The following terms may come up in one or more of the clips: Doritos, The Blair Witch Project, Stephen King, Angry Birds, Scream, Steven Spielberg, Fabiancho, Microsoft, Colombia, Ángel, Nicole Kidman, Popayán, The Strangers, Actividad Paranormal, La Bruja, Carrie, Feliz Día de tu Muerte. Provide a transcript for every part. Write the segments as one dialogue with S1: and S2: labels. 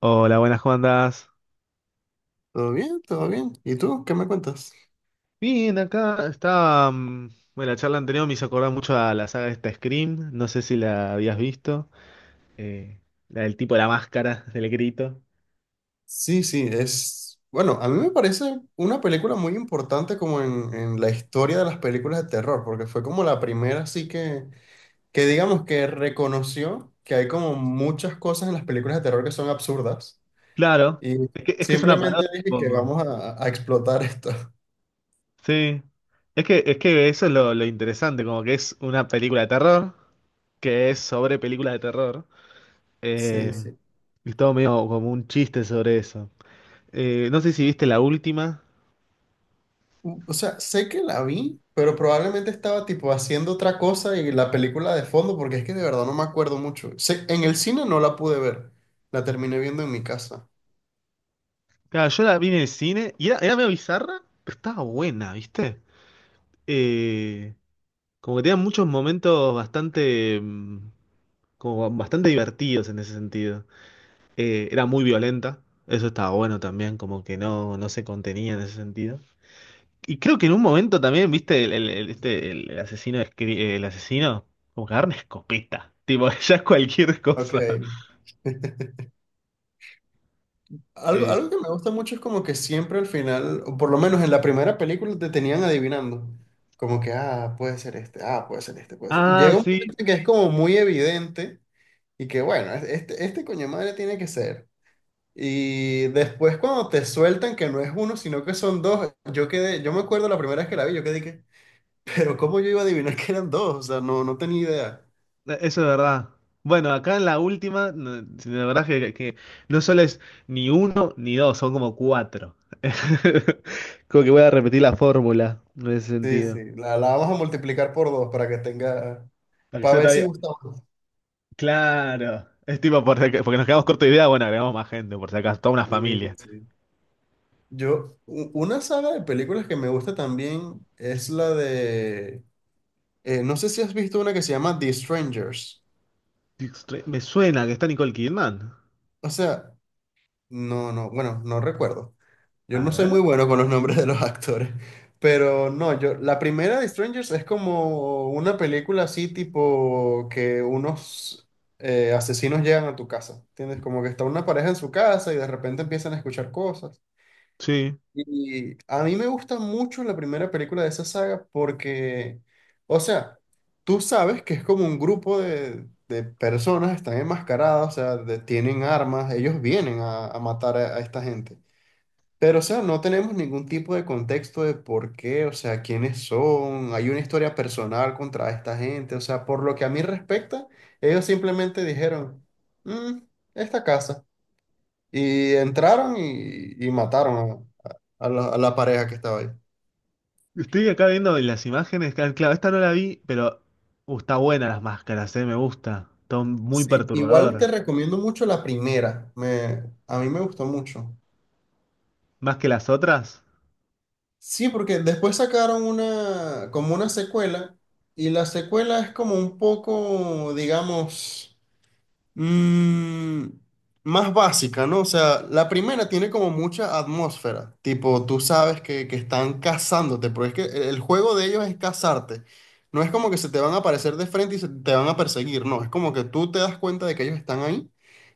S1: Hola, buenas, ¿cómo andás?
S2: Todo bien, todo bien. ¿Y tú qué me cuentas?
S1: Bien, acá está. Bueno, la charla anterior me hizo acordar mucho a la saga de esta Scream. No sé si la habías visto. eh, la del tipo de la máscara, del grito.
S2: Sí, sí, es... Bueno, a mí me parece una película muy importante como en la historia de las películas de terror, porque fue como la primera así que digamos que reconoció que hay como muchas cosas en las películas de terror que son absurdas
S1: Claro,
S2: y
S1: que es una parodia
S2: simplemente
S1: un
S2: dije que
S1: poco.
S2: vamos a explotar esto.
S1: Sí. Es que eso es lo interesante, como que es una película de terror, que es sobre películas de terror.
S2: Sí,
S1: eh,
S2: sí.
S1: y todo medio como un chiste sobre eso. No sé si viste la última.
S2: O sea, sé que la vi, pero probablemente estaba tipo haciendo otra cosa y la película de fondo, porque es que de verdad no me acuerdo mucho. En el cine no la pude ver, la terminé viendo en mi casa.
S1: Claro, yo la vi en el cine y era medio bizarra, pero estaba buena, ¿viste? Eh, como que tenía muchos momentos bastante, como bastante divertidos en ese sentido. Era muy violenta, eso estaba bueno también, como que no se contenía en ese sentido. Y creo que en un momento también, ¿viste? El asesino, el asesino como que agarra una escopeta, tipo, ya es cualquier
S2: Ok.
S1: cosa.
S2: Algo,
S1: Eh,
S2: algo que me gusta mucho es como que siempre al final, o por lo menos en la primera película, te tenían adivinando. Como que, ah, puede ser este, ah, puede ser este, puede ser. Y
S1: ah,
S2: llega un
S1: sí,
S2: momento que es como muy evidente y que, bueno, este coño madre tiene que ser. Y después cuando te sueltan que no es uno, sino que son dos, yo quedé, yo me acuerdo la primera vez que la vi, yo quedé que, pero ¿cómo yo iba a adivinar que eran dos? O sea, no, no tenía idea.
S1: Eso es verdad. Bueno, acá en la última, sí, la verdad que no solo es ni uno ni dos, son como cuatro. Como que voy a repetir la fórmula en ese
S2: Sí,
S1: sentido.
S2: sí, la vamos a multiplicar por dos para que tenga,
S1: Para que
S2: para
S1: sea
S2: ver si
S1: todavía-
S2: gusta más.
S1: Claro. Es tipo, por si porque nos quedamos corto de idea, bueno, agregamos más gente, por si acaso, toda una
S2: Sí,
S1: familia.
S2: sí. Yo, una saga de películas que me gusta también es la de, no sé si has visto una que se llama The Strangers.
S1: Extre- me suena que está Nicole Kidman.
S2: O sea, no, no, bueno, no recuerdo. Yo
S1: A
S2: no soy muy
S1: ver.
S2: bueno con los nombres de los actores, pero no, yo, la primera de Strangers es como una película así tipo que unos asesinos llegan a tu casa, ¿entiendes? Como que está una pareja en su casa y de repente empiezan a escuchar cosas.
S1: Sí.
S2: Y a mí me gusta mucho la primera película de esa saga porque, o sea, tú sabes que es como un grupo de personas, están enmascaradas, o sea, de- tienen armas, ellos vienen a matar a esta gente. Pero, o sea, no tenemos ningún tipo de contexto de por qué, o sea, quiénes son, hay una historia personal contra esta gente, o sea, por lo que a mí respecta, ellos simplemente dijeron, "Mm, esta casa", y entraron y mataron a, a la pareja que estaba ahí.
S1: Estoy acá viendo las imágenes, claro, esta no la vi, pero está buena las máscaras, me gusta. Está muy
S2: Sí, igual te
S1: perturbador.
S2: recomiendo mucho la primera, me, a mí me gustó mucho.
S1: ¿Más que las otras?
S2: Sí, porque después sacaron una, como una secuela, y la secuela es como un poco, digamos Mm, más básica, ¿no? O sea, la primera tiene como mucha atmósfera, tipo, tú sabes que están cazándote, pero es que el juego de ellos es cazarte. No es como que se te van a aparecer de frente y se te van a perseguir, no, es como que tú te das cuenta de que ellos están ahí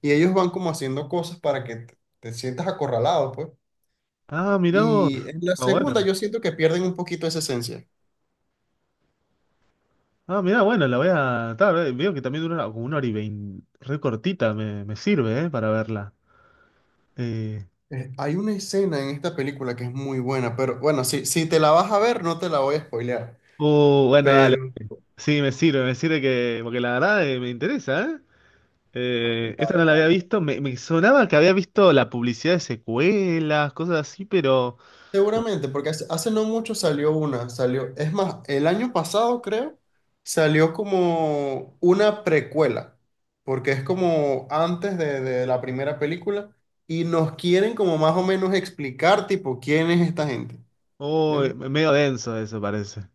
S2: y ellos van como haciendo cosas para que te sientas acorralado, pues.
S1: Ah, mirá vos.
S2: Y en la
S1: Ah, bueno.
S2: segunda yo siento que pierden un poquito esa esencia.
S1: Ah, mirá, bueno, la voy a... ta, ve- veo que también dura una- como una hora y veinte. Re cortita, me sirve, ¿eh? Para verla. Eh...
S2: Hay una escena en esta película que es muy buena, pero bueno, si te la vas a ver, no te la voy a spoilear.
S1: Bueno, dale.
S2: Pero
S1: Sí, me sirve que... Porque la verdad me interesa, ¿eh? Esta
S2: dale,
S1: no la había
S2: dale.
S1: visto. Me sonaba que había visto la publicidad de secuelas, cosas así, pero...
S2: Seguramente, porque hace no mucho salió una, salió, es más, el año pasado creo, salió como una precuela, porque es como antes de la primera película y nos quieren como más o menos explicar tipo quién es esta gente.
S1: Oh,
S2: ¿Entiendes?
S1: medio denso eso parece.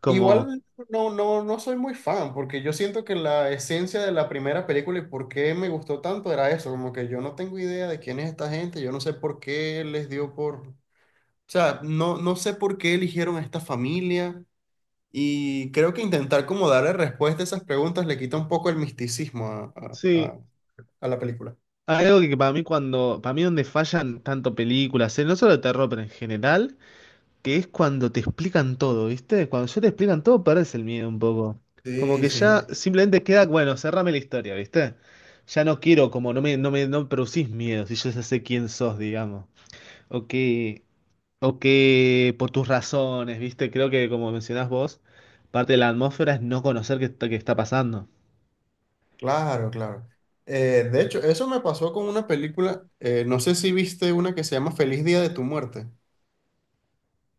S1: Como...
S2: Igual no soy muy fan, porque yo siento que la esencia de la primera película y por qué me gustó tanto era eso, como que yo no tengo idea de quién es esta gente, yo no sé por qué les dio por... O sea, no, no sé por qué eligieron a esta familia y creo que intentar como darle respuesta a esas preguntas le quita un poco el misticismo a, a-
S1: Sí.
S2: a- a la película.
S1: Hay algo que para mí cuando... Para mí donde fallan tanto películas, no solo de terror, pero en general... Que es cuando te explican todo, ¿viste? Cuando ya te explican todo, perdés el miedo un poco. Como
S2: Sí,
S1: que
S2: sí,
S1: ya simplemente queda, bueno, cerrame la historia, ¿viste? Ya no quiero, como no no me producís miedo, si yo ya sé quién sos, digamos. O que, o que por tus razones, ¿viste? Creo que como mencionás vos, parte de la atmósfera es no conocer qué está pasando.
S2: claro, claro. De hecho, eso me pasó con una película, no sé si viste una que se llama Feliz Día de tu Muerte.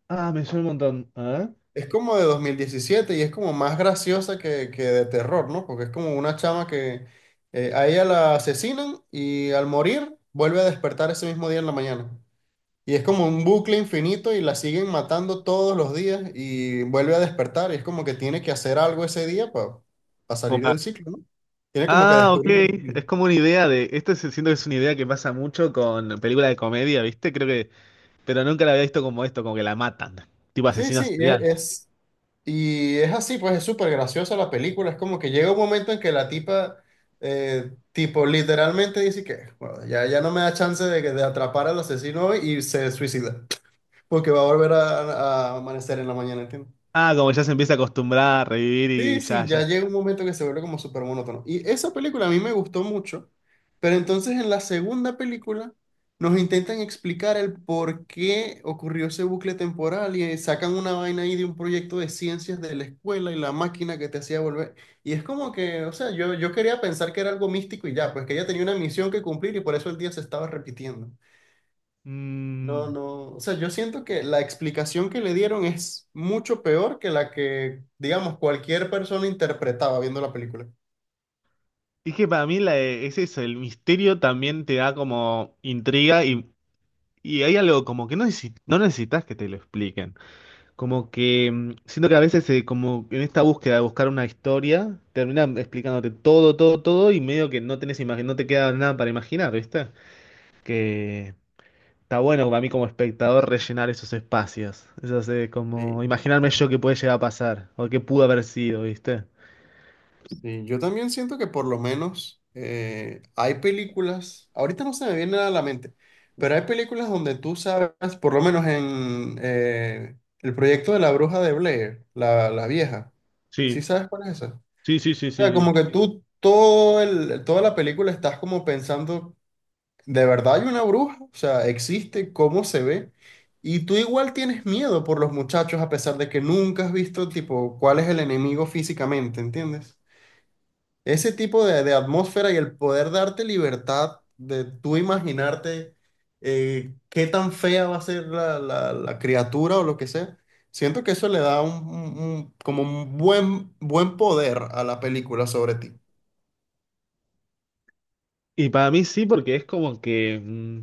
S1: Ah, me suena un montón. A ver.
S2: Es como de 2017 y es como más graciosa que de terror, ¿no? Porque es como una chama que a ella la asesinan y al morir vuelve a despertar ese mismo día en la mañana. Y es como un bucle infinito y la siguen matando todos los días y vuelve a despertar. Y es como que tiene que hacer algo ese día para
S1: Como
S2: salir
S1: para-
S2: del ciclo, ¿no? Tiene como que
S1: Ah, ok.
S2: descubrir.
S1: Es como una idea de. Siento que es una idea que pasa mucho con películas de comedia, ¿viste? Creo que pero nunca la había visto como esto, como que la matan. Tipo
S2: Sí,
S1: asesino
S2: sí,
S1: serial.
S2: y es así, pues es súper graciosa la película. Es como que llega un momento en que la tipa, tipo, literalmente dice que "Bueno, ya, ya no me da chance de, de atrapar al asesino hoy", y se suicida, porque va a volver a amanecer en la mañana, ¿entiendes?
S1: Ah, como ya se empieza a acostumbrar a revivir y
S2: Sí,
S1: ya,
S2: sí, ya
S1: ya.
S2: llega un momento que se vuelve como súper monótono. Y esa película a mí me gustó mucho, pero entonces en la segunda película nos intentan explicar el por qué ocurrió ese bucle temporal y sacan una vaina ahí de un proyecto de ciencias de la escuela y la máquina que te hacía volver. Y es como que, o sea, yo quería pensar que era algo místico y ya, pues que ella tenía una misión que cumplir y por eso el día se estaba repitiendo. No,
S1: Mm,
S2: no, o sea, yo siento que la explicación que le dieron es mucho peor que la que, digamos, cualquier persona interpretaba viendo la película.
S1: es que para mí es eso, el misterio también te da como intriga y hay algo como que no necesitas que te lo expliquen. Como que siento que a veces como en esta búsqueda de buscar una historia, terminan explicándote todo y medio que no tenés imagen, no te queda nada para imaginar, ¿viste? Que está bueno para mí como espectador rellenar esos espacios. Eso es
S2: Sí,
S1: como imaginarme yo qué puede llegar a pasar o qué pudo haber sido, ¿viste?
S2: sí, yo también siento que por lo menos hay películas, ahorita no se me viene nada a la mente, pero hay películas donde tú sabes, por lo menos en el proyecto de la bruja de Blair, la vieja, ¿sí
S1: Sí,
S2: sabes cuál es esa?
S1: sí, sí, sí,
S2: O
S1: sí,
S2: sea,
S1: sí.
S2: como que tú todo el, toda la película estás como pensando, ¿de verdad hay una bruja? O sea, existe, ¿cómo se ve? Y tú igual tienes miedo por los muchachos a pesar de que nunca has visto, tipo, cuál es el enemigo físicamente, ¿entiendes? Ese tipo de atmósfera y el poder darte libertad de tú imaginarte qué tan fea va a ser la, la criatura o lo que sea, siento que eso le da un, como un buen, buen poder a la película sobre ti.
S1: Y para mí sí, porque es como que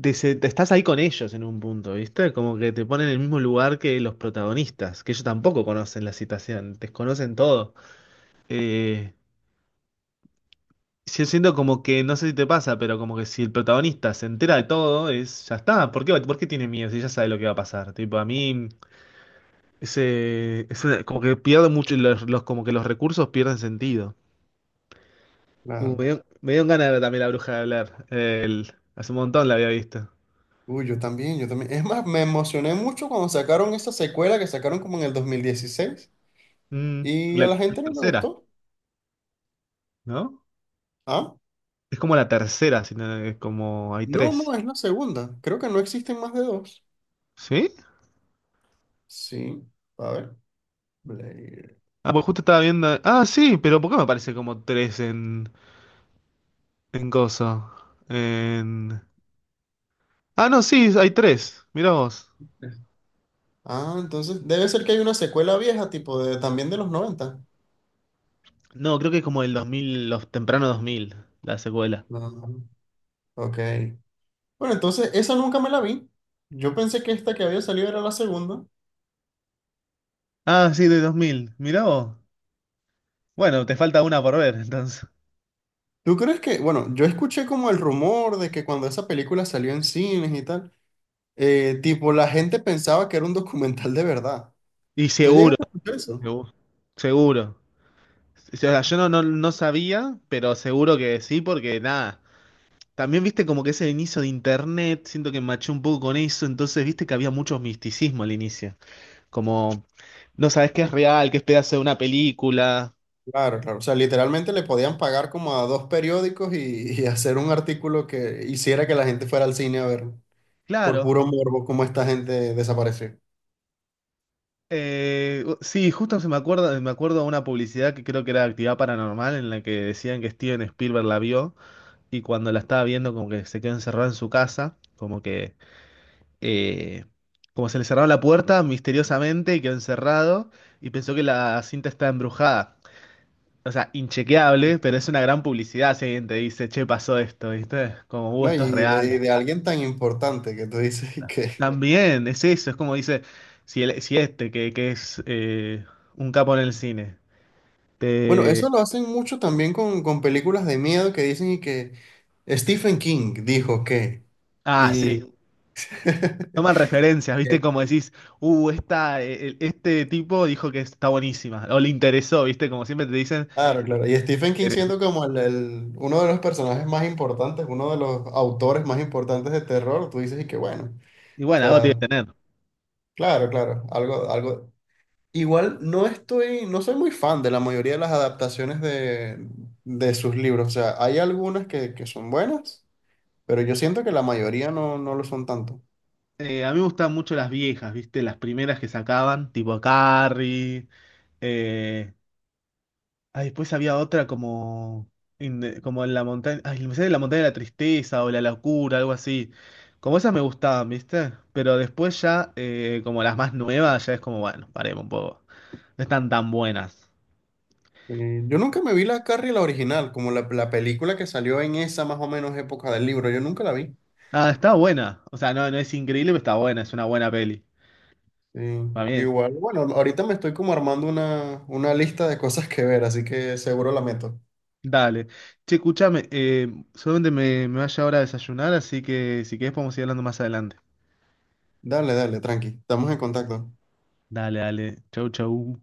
S1: te estás ahí con ellos en un punto, ¿viste? Como que te ponen en el mismo lugar que los protagonistas, que ellos tampoco conocen la situación, desconocen todo. Eh, yo siento como que, no sé si te pasa, pero como que si el protagonista se entera de todo, es, ya está. Por qué tiene miedo si ya sabe lo que va a pasar? Tipo, a mí como que pierde mucho, y como que los recursos pierden sentido. Me dio ganas de ver también La Bruja de hablar hace un montón la había visto.
S2: Uy, yo también, yo también. Es más, me emocioné mucho cuando sacaron esa secuela que sacaron como en el 2016
S1: Mm,
S2: y a la
S1: la
S2: gente no le
S1: tercera,
S2: gustó.
S1: ¿no?
S2: ¿Ah?
S1: Es como la tercera, si no- es como hay
S2: No,
S1: tres.
S2: no, es la segunda. Creo que no existen más de dos.
S1: ¿Sí?
S2: Sí, a ver. Blade.
S1: Ah, pues justo estaba viendo. Ah, sí, pero ¿por qué me aparece como tres en coso? En... Ah, no, sí, hay tres. Mirá vos.
S2: Ah, entonces debe ser que hay una secuela vieja, tipo de también de los noventa.
S1: No, creo que es como el 2000 los tempranos 2000 la secuela.
S2: No. Ok. Bueno, entonces esa nunca me la vi. Yo pensé que esta que había salido era la segunda.
S1: Ah, sí, de 2000. Mirá vos. Bueno, te falta una por ver, entonces.
S2: ¿Tú crees que, bueno, yo escuché como el rumor de que cuando esa película salió en cines y tal, eh, tipo, la gente pensaba que era un documental de verdad.
S1: Y
S2: ¿Tú
S1: seguro,
S2: llegaste a escuchar eso?
S1: segu- seguro. O sea, yo no, no sabía, pero seguro que sí, porque nada. También viste como que ese inicio de internet, siento que maché un poco con eso, entonces viste que había mucho misticismo al inicio. Como no sabes qué es real, qué es pedazo de una película.
S2: Claro, claro. O sea, literalmente le podían pagar como a dos periódicos y hacer un artículo que hiciera que la gente fuera al cine a ver, por
S1: Claro.
S2: puro morbo, cómo esta gente desapareció.
S1: Sí, justo se me acuerda, me acuerdo de una publicidad que creo que era de Actividad Paranormal, en la que decían que Steven Spielberg la vio y cuando la estaba viendo como que se quedó encerrado en su casa, como que eh, como se le cerraba la puerta misteriosamente y quedó encerrado y pensó que la cinta estaba embrujada. O sea, inchequeable, pero es una gran publicidad si alguien te dice, che, pasó esto, ¿viste? Como,
S2: ¿No?
S1: esto es
S2: Y
S1: real.
S2: de alguien tan importante que tú dices y que...
S1: También, es eso, es como dice, si, si este, que es un capo en el cine,
S2: Bueno, eso
S1: te...
S2: lo hacen mucho también con películas de miedo que dicen y que Stephen King dijo que...
S1: Ah, sí.
S2: Y...
S1: Sí, toman referencias, ¿viste? Como decís, esta, este tipo dijo que está buenísima, o le interesó, ¿viste? Como siempre te dicen,
S2: Claro, claro. Y Stephen King siendo como el, uno de los personajes más importantes, uno de los autores más importantes de terror, tú dices y que bueno. O
S1: y bueno, algo tiene
S2: sea,
S1: que tener.
S2: claro, claro. Algo, algo. Igual no estoy, no soy muy fan de la mayoría de las adaptaciones de sus libros. O sea, hay algunas que son buenas, pero yo siento que la mayoría no, no lo son tanto.
S1: A mí me gustaban mucho las viejas, ¿viste? Las primeras que sacaban, tipo Carrie. Eh... Ah, después había otra como, in the- como en la montaña. Ay, me sale la montaña de la tristeza o la locura, algo así. Como esas me gustaban, ¿viste? Pero después ya, como las más nuevas, ya es como, bueno, paremos un poco. No están tan buenas.
S2: Yo nunca me vi la Carrie, la original, como la película que salió en esa más o menos época del libro. Yo nunca la vi.
S1: Ah, está buena. O sea, no es increíble, pero está buena, es una buena peli.
S2: Sí,
S1: Para mí
S2: igual, bueno, ahorita me estoy como armando una lista de cosas que ver, así que seguro la meto.
S1: dale. Che, escuchame, solamente me vaya ahora a desayunar, así que si querés podemos ir hablando más adelante.
S2: Dale, dale, tranqui, estamos en contacto.
S1: Dale, dale. Chau, chau.